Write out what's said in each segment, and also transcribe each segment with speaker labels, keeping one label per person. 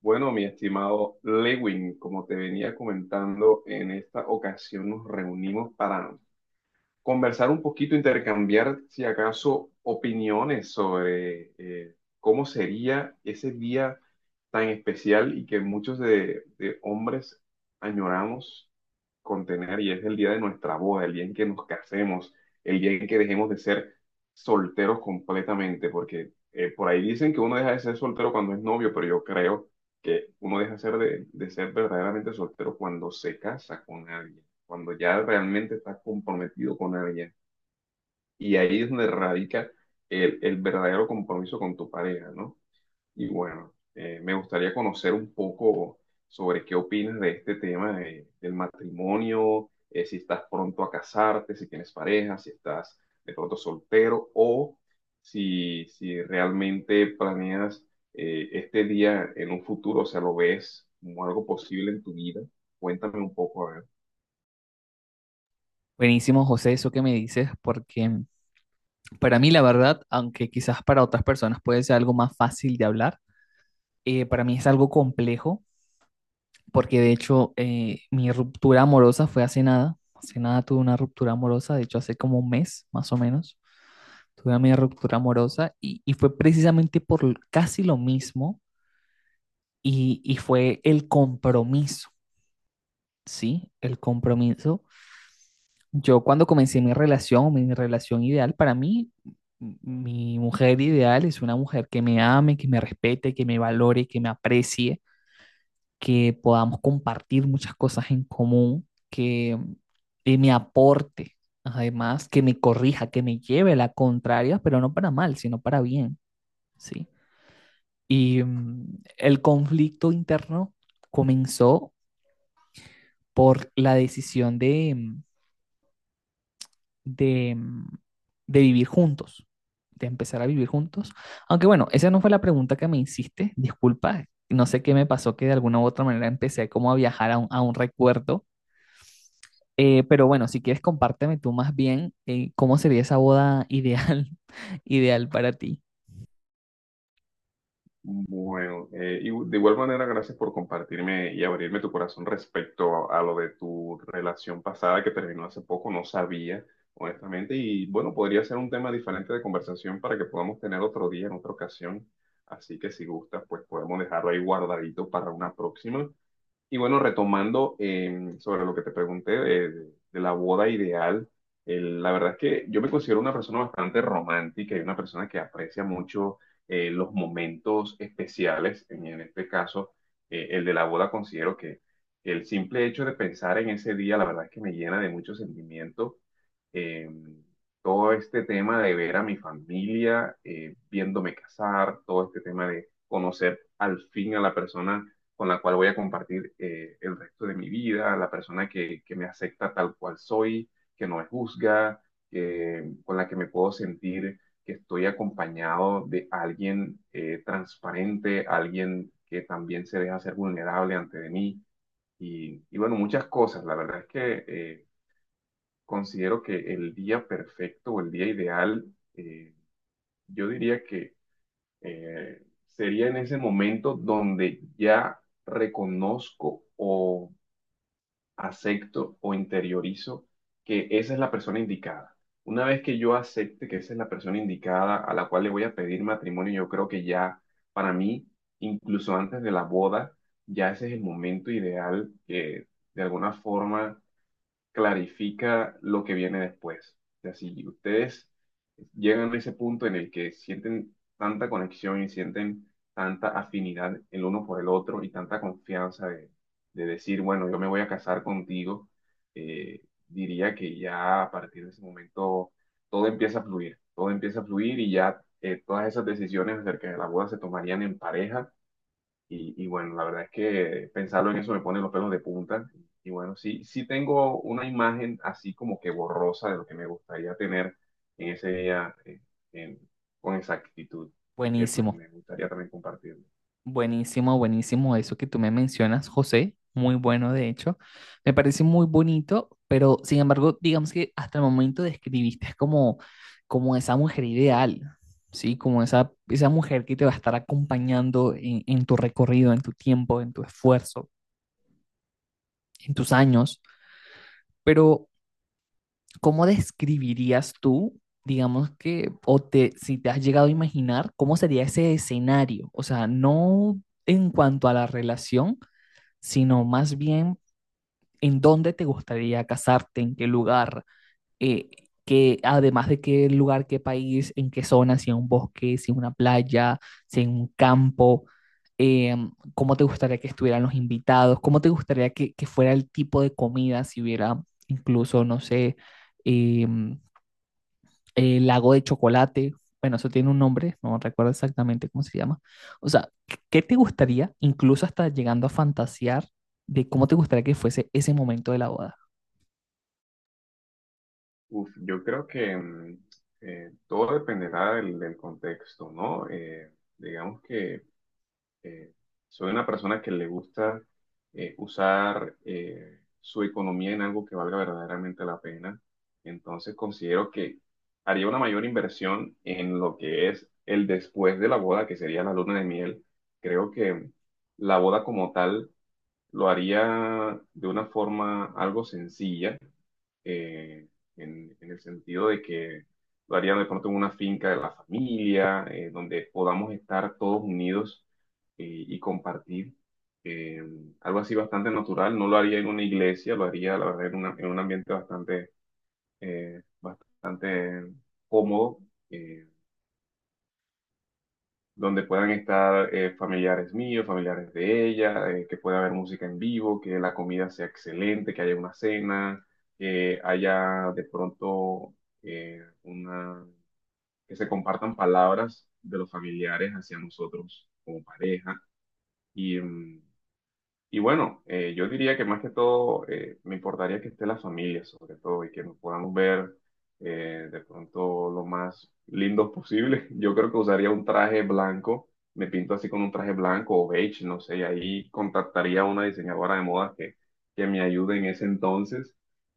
Speaker 1: Bueno, mi estimado Lewin, como te venía comentando, en esta ocasión nos reunimos para conversar un poquito, intercambiar, si acaso, opiniones sobre cómo sería ese día tan especial y que muchos de hombres añoramos contener y es el día de nuestra boda, el día en que nos casemos, el día en que dejemos de ser solteros completamente, porque por ahí dicen que uno deja de ser soltero cuando es novio, pero yo creo que uno deja ser de ser verdaderamente soltero cuando se casa con alguien, cuando ya realmente está comprometido con alguien. Y ahí es donde radica el verdadero compromiso con tu pareja, ¿no? Y bueno, me gustaría conocer un poco sobre qué opinas de este tema del matrimonio, si estás pronto a casarte, si tienes pareja, si estás de pronto soltero o si realmente planeas este día en un futuro, o sea, lo ves como algo posible en tu vida. Cuéntame un poco, a ver.
Speaker 2: Buenísimo, José, eso que me dices, porque para mí la verdad, aunque quizás para otras personas puede ser algo más fácil de hablar, para mí es algo complejo, porque de hecho mi ruptura amorosa fue hace nada tuve una ruptura amorosa, de hecho hace como un mes más o menos, tuve mi ruptura amorosa y fue precisamente por casi lo mismo y fue el compromiso, ¿sí? El compromiso. Yo cuando comencé mi relación ideal, para mí, mi mujer ideal es una mujer que me ame, que me respete, que me valore, que me aprecie, que podamos compartir muchas cosas en común, que me aporte, además, que me corrija, que me lleve la contraria, pero no para mal, sino para bien, ¿sí? Y el conflicto interno comenzó por la decisión de... de, mm, de vivir juntos, de empezar a vivir juntos. Aunque bueno, esa no fue la pregunta que me hiciste, disculpa, no sé qué me pasó que de alguna u otra manera empecé como a viajar a a un recuerdo. Pero bueno, si quieres compárteme tú más bien cómo sería esa boda ideal, ideal para ti.
Speaker 1: Bueno, y de igual manera, gracias por compartirme y abrirme tu corazón respecto a lo de tu relación pasada que terminó hace poco, no sabía, honestamente, y bueno, podría ser un tema diferente de conversación para que podamos tener otro día, en otra ocasión, así que si gustas, pues podemos dejarlo ahí guardadito para una próxima. Y bueno, retomando sobre lo que te pregunté de la boda ideal, la verdad es que yo me considero una persona bastante romántica y una persona que aprecia mucho los momentos especiales. En este caso, el de la boda considero que el simple hecho de pensar en ese día, la verdad es que me llena de mucho sentimiento, eh, todo este tema de ver a mi familia, viéndome casar, todo este tema de conocer al fin a la persona con la cual voy a compartir el resto de mi vida, la persona que me acepta tal cual soy, que no me juzga, con la que me puedo sentir que estoy acompañado de alguien transparente, alguien que también se deja ser vulnerable ante de mí. Y bueno, muchas cosas. La verdad es que considero que el día perfecto o el día ideal, eh, yo diría que eh, sería en ese momento donde ya reconozco o acepto o interiorizo que esa es la persona indicada. Una vez que yo acepte que esa es la persona indicada a la cual le voy a pedir matrimonio, yo creo que ya para mí, incluso antes de la boda, ya ese es el momento ideal que de alguna forma clarifica lo que viene después. O sea, si ustedes llegan a ese punto en el que sienten tanta conexión y sienten tanta afinidad el uno por el otro y tanta confianza de decir, bueno, yo me voy a casar contigo, eh, diría que ya a partir de ese momento todo empieza a fluir, todo empieza a fluir y ya, todas esas decisiones acerca de la boda se tomarían en pareja y bueno, la verdad es que pensarlo en eso me pone los pelos de punta. Y bueno, sí, sí tengo una imagen así como que borrosa de lo que me gustaría tener en ese día, en- con exactitud. Así que pues
Speaker 2: Buenísimo.
Speaker 1: me gustaría también compartirlo.
Speaker 2: Buenísimo, buenísimo eso que tú me mencionas, José. Muy bueno, de hecho. Me parece muy bonito, pero sin embargo, digamos que hasta el momento describiste como, como esa mujer ideal, ¿sí? Como esa mujer que te va a estar acompañando en tu recorrido, en tu tiempo, en tu esfuerzo, en tus años. Pero, ¿cómo describirías tú, digamos que, o te, si te has llegado a imaginar, cómo sería ese escenario? O sea, no en cuanto a la relación sino más bien en dónde te gustaría casarte, en qué lugar, eh, que además de qué lugar, qué país, en qué zona, si en un bosque, si en una playa, si en un campo, eh, cómo te gustaría que estuvieran los invitados, cómo te gustaría que fuera el tipo de comida, si hubiera incluso, no sé, em, lago de chocolate, bueno, eso tiene un nombre, no recuerdo exactamente cómo se llama. O sea, ¿qué te gustaría, incluso hasta llegando a fantasear, de cómo te gustaría que fuese ese momento de la boda?
Speaker 1: Uf, yo creo que todo dependerá del contexto, ¿no? Digamos que Eh, soy una persona que le gusta usar su economía en algo que valga verdaderamente la pena. Entonces considero que haría una mayor inversión en lo que es el después de la boda, que sería la luna de miel. Creo que la boda como tal lo haría de una forma algo sencilla, eh, en el sentido de que lo haría de pronto en una finca de la familia, donde podamos estar todos unidos y compartir. eh, Algo así bastante natural, no lo haría en una iglesia, lo haría, la verdad, en, en un ambiente bastante, eh, bastante cómodo. eh, Donde puedan estar familiares míos, familiares de ella, que pueda haber música en vivo, que la comida sea excelente, que haya una cena, que haya de pronto una, que se compartan palabras de los familiares hacia nosotros como pareja. Y, y bueno, yo diría que más que todo me importaría que esté la familia, sobre todo, y que nos podamos ver, de pronto lo más lindos posible. Yo creo que usaría un traje blanco, me pinto así con un traje blanco o beige, no sé, y ahí contactaría a una diseñadora de modas que me ayude en ese entonces.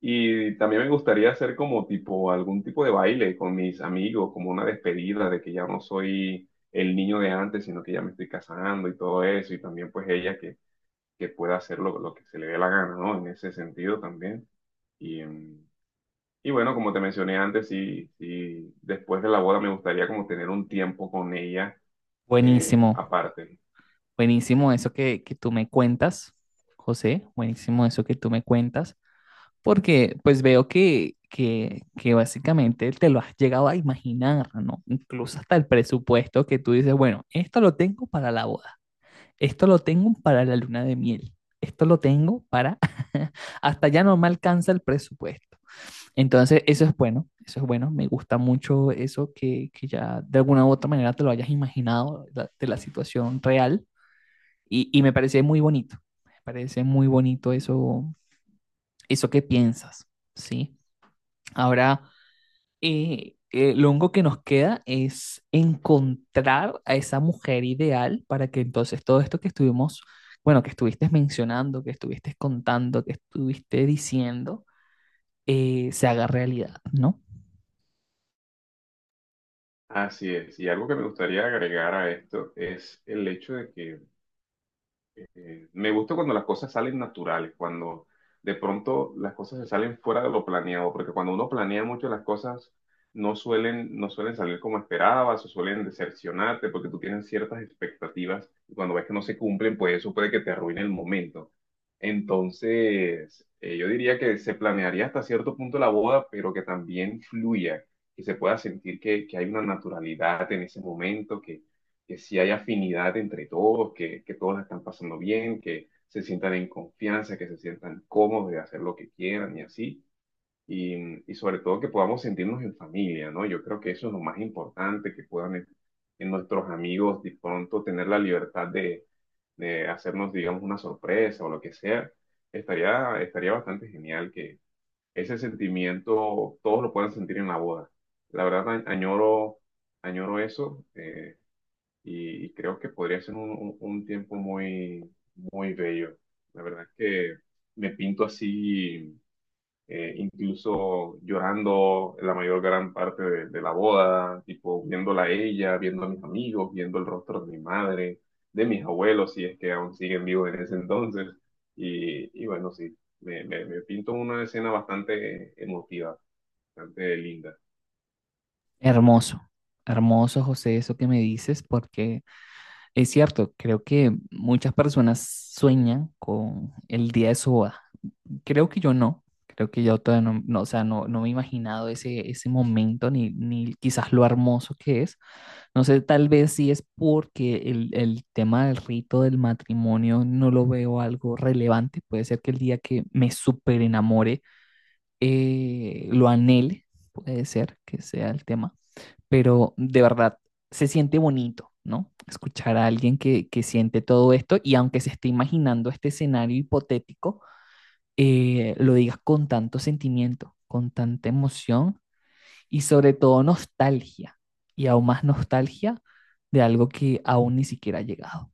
Speaker 1: Y también me gustaría hacer como tipo algún tipo de baile con mis amigos, como una despedida de que ya no soy el niño de antes, sino que ya me estoy casando y todo eso, y también pues ella que pueda hacer lo que se le dé la gana, ¿no? En ese sentido también. Y, y bueno, como te mencioné antes, sí, sí, después de la boda me gustaría como tener un tiempo con ella
Speaker 2: Buenísimo,
Speaker 1: aparte. ¿No? Sí.
Speaker 2: buenísimo eso que tú me cuentas, José, buenísimo eso que tú me cuentas, porque pues veo que básicamente te lo has llegado a imaginar, ¿no? Incluso hasta el presupuesto que tú dices, bueno, esto lo tengo para la boda. Esto lo tengo para la luna de miel. Esto lo tengo para... Hasta ya no me alcanza el presupuesto. Entonces, eso es bueno, eso es bueno. Me gusta mucho eso que ya de alguna u otra manera te lo hayas imaginado de la situación real y me parece muy bonito. Me parece muy bonito eso, eso que piensas, ¿sí? Ahora, lo único que nos queda es encontrar a esa mujer ideal para que entonces todo esto que estuvimos, bueno, que estuviste mencionando, que estuviste contando, que estuviste diciendo, se haga realidad, ¿no?
Speaker 1: Así es. Y algo que me gustaría agregar a esto es el hecho de que me gusta cuando las cosas salen naturales, cuando de pronto las cosas se salen fuera de lo planeado, porque cuando uno planea mucho las cosas no suelen, no suelen salir como esperabas o suelen decepcionarte porque tú tienes ciertas expectativas y cuando ves que no se cumplen, pues eso puede que te arruine el momento. Entonces, yo diría que se planearía hasta cierto punto la boda, pero que también fluya, que se pueda sentir que hay una naturalidad en ese momento, que sí hay afinidad entre todos, que todos la están pasando bien, que se sientan en confianza, que se sientan cómodos de hacer lo que quieran y así. Y, y sobre todo que podamos sentirnos en familia, ¿no? Yo creo que eso es lo más importante, que puedan en nuestros amigos de pronto tener la libertad de hacernos, digamos, una sorpresa o lo que sea. Estaría bastante genial que ese sentimiento todos lo puedan sentir en la boda. La verdad, añoro, añoro eso. Y, y creo que podría ser un tiempo muy, muy bello. La verdad es que me pinto así, incluso llorando la mayor gran parte de la boda, tipo viéndola a ella, viendo a mis amigos, viendo el rostro de mi madre, de mis abuelos, si es que aún siguen vivos en ese entonces. Y bueno, sí, me pinto una escena bastante emotiva, bastante linda.
Speaker 2: Hermoso, hermoso, José, eso que me dices, porque es cierto, creo que muchas personas sueñan con el día de su boda. Creo que yo no, creo que yo todavía no, no, o sea, no, no me he imaginado ese momento ni quizás lo hermoso que es. No sé, tal vez sí es porque el tema del rito del matrimonio no lo veo algo relevante. Puede ser que el día que me super enamore lo anhele, puede ser que sea el tema, pero de verdad se siente bonito, ¿no? Escuchar a alguien que siente todo esto y aunque se esté imaginando este escenario hipotético lo digas con tanto sentimiento, con tanta emoción y sobre todo nostalgia, y aún más nostalgia de algo que aún ni siquiera ha llegado.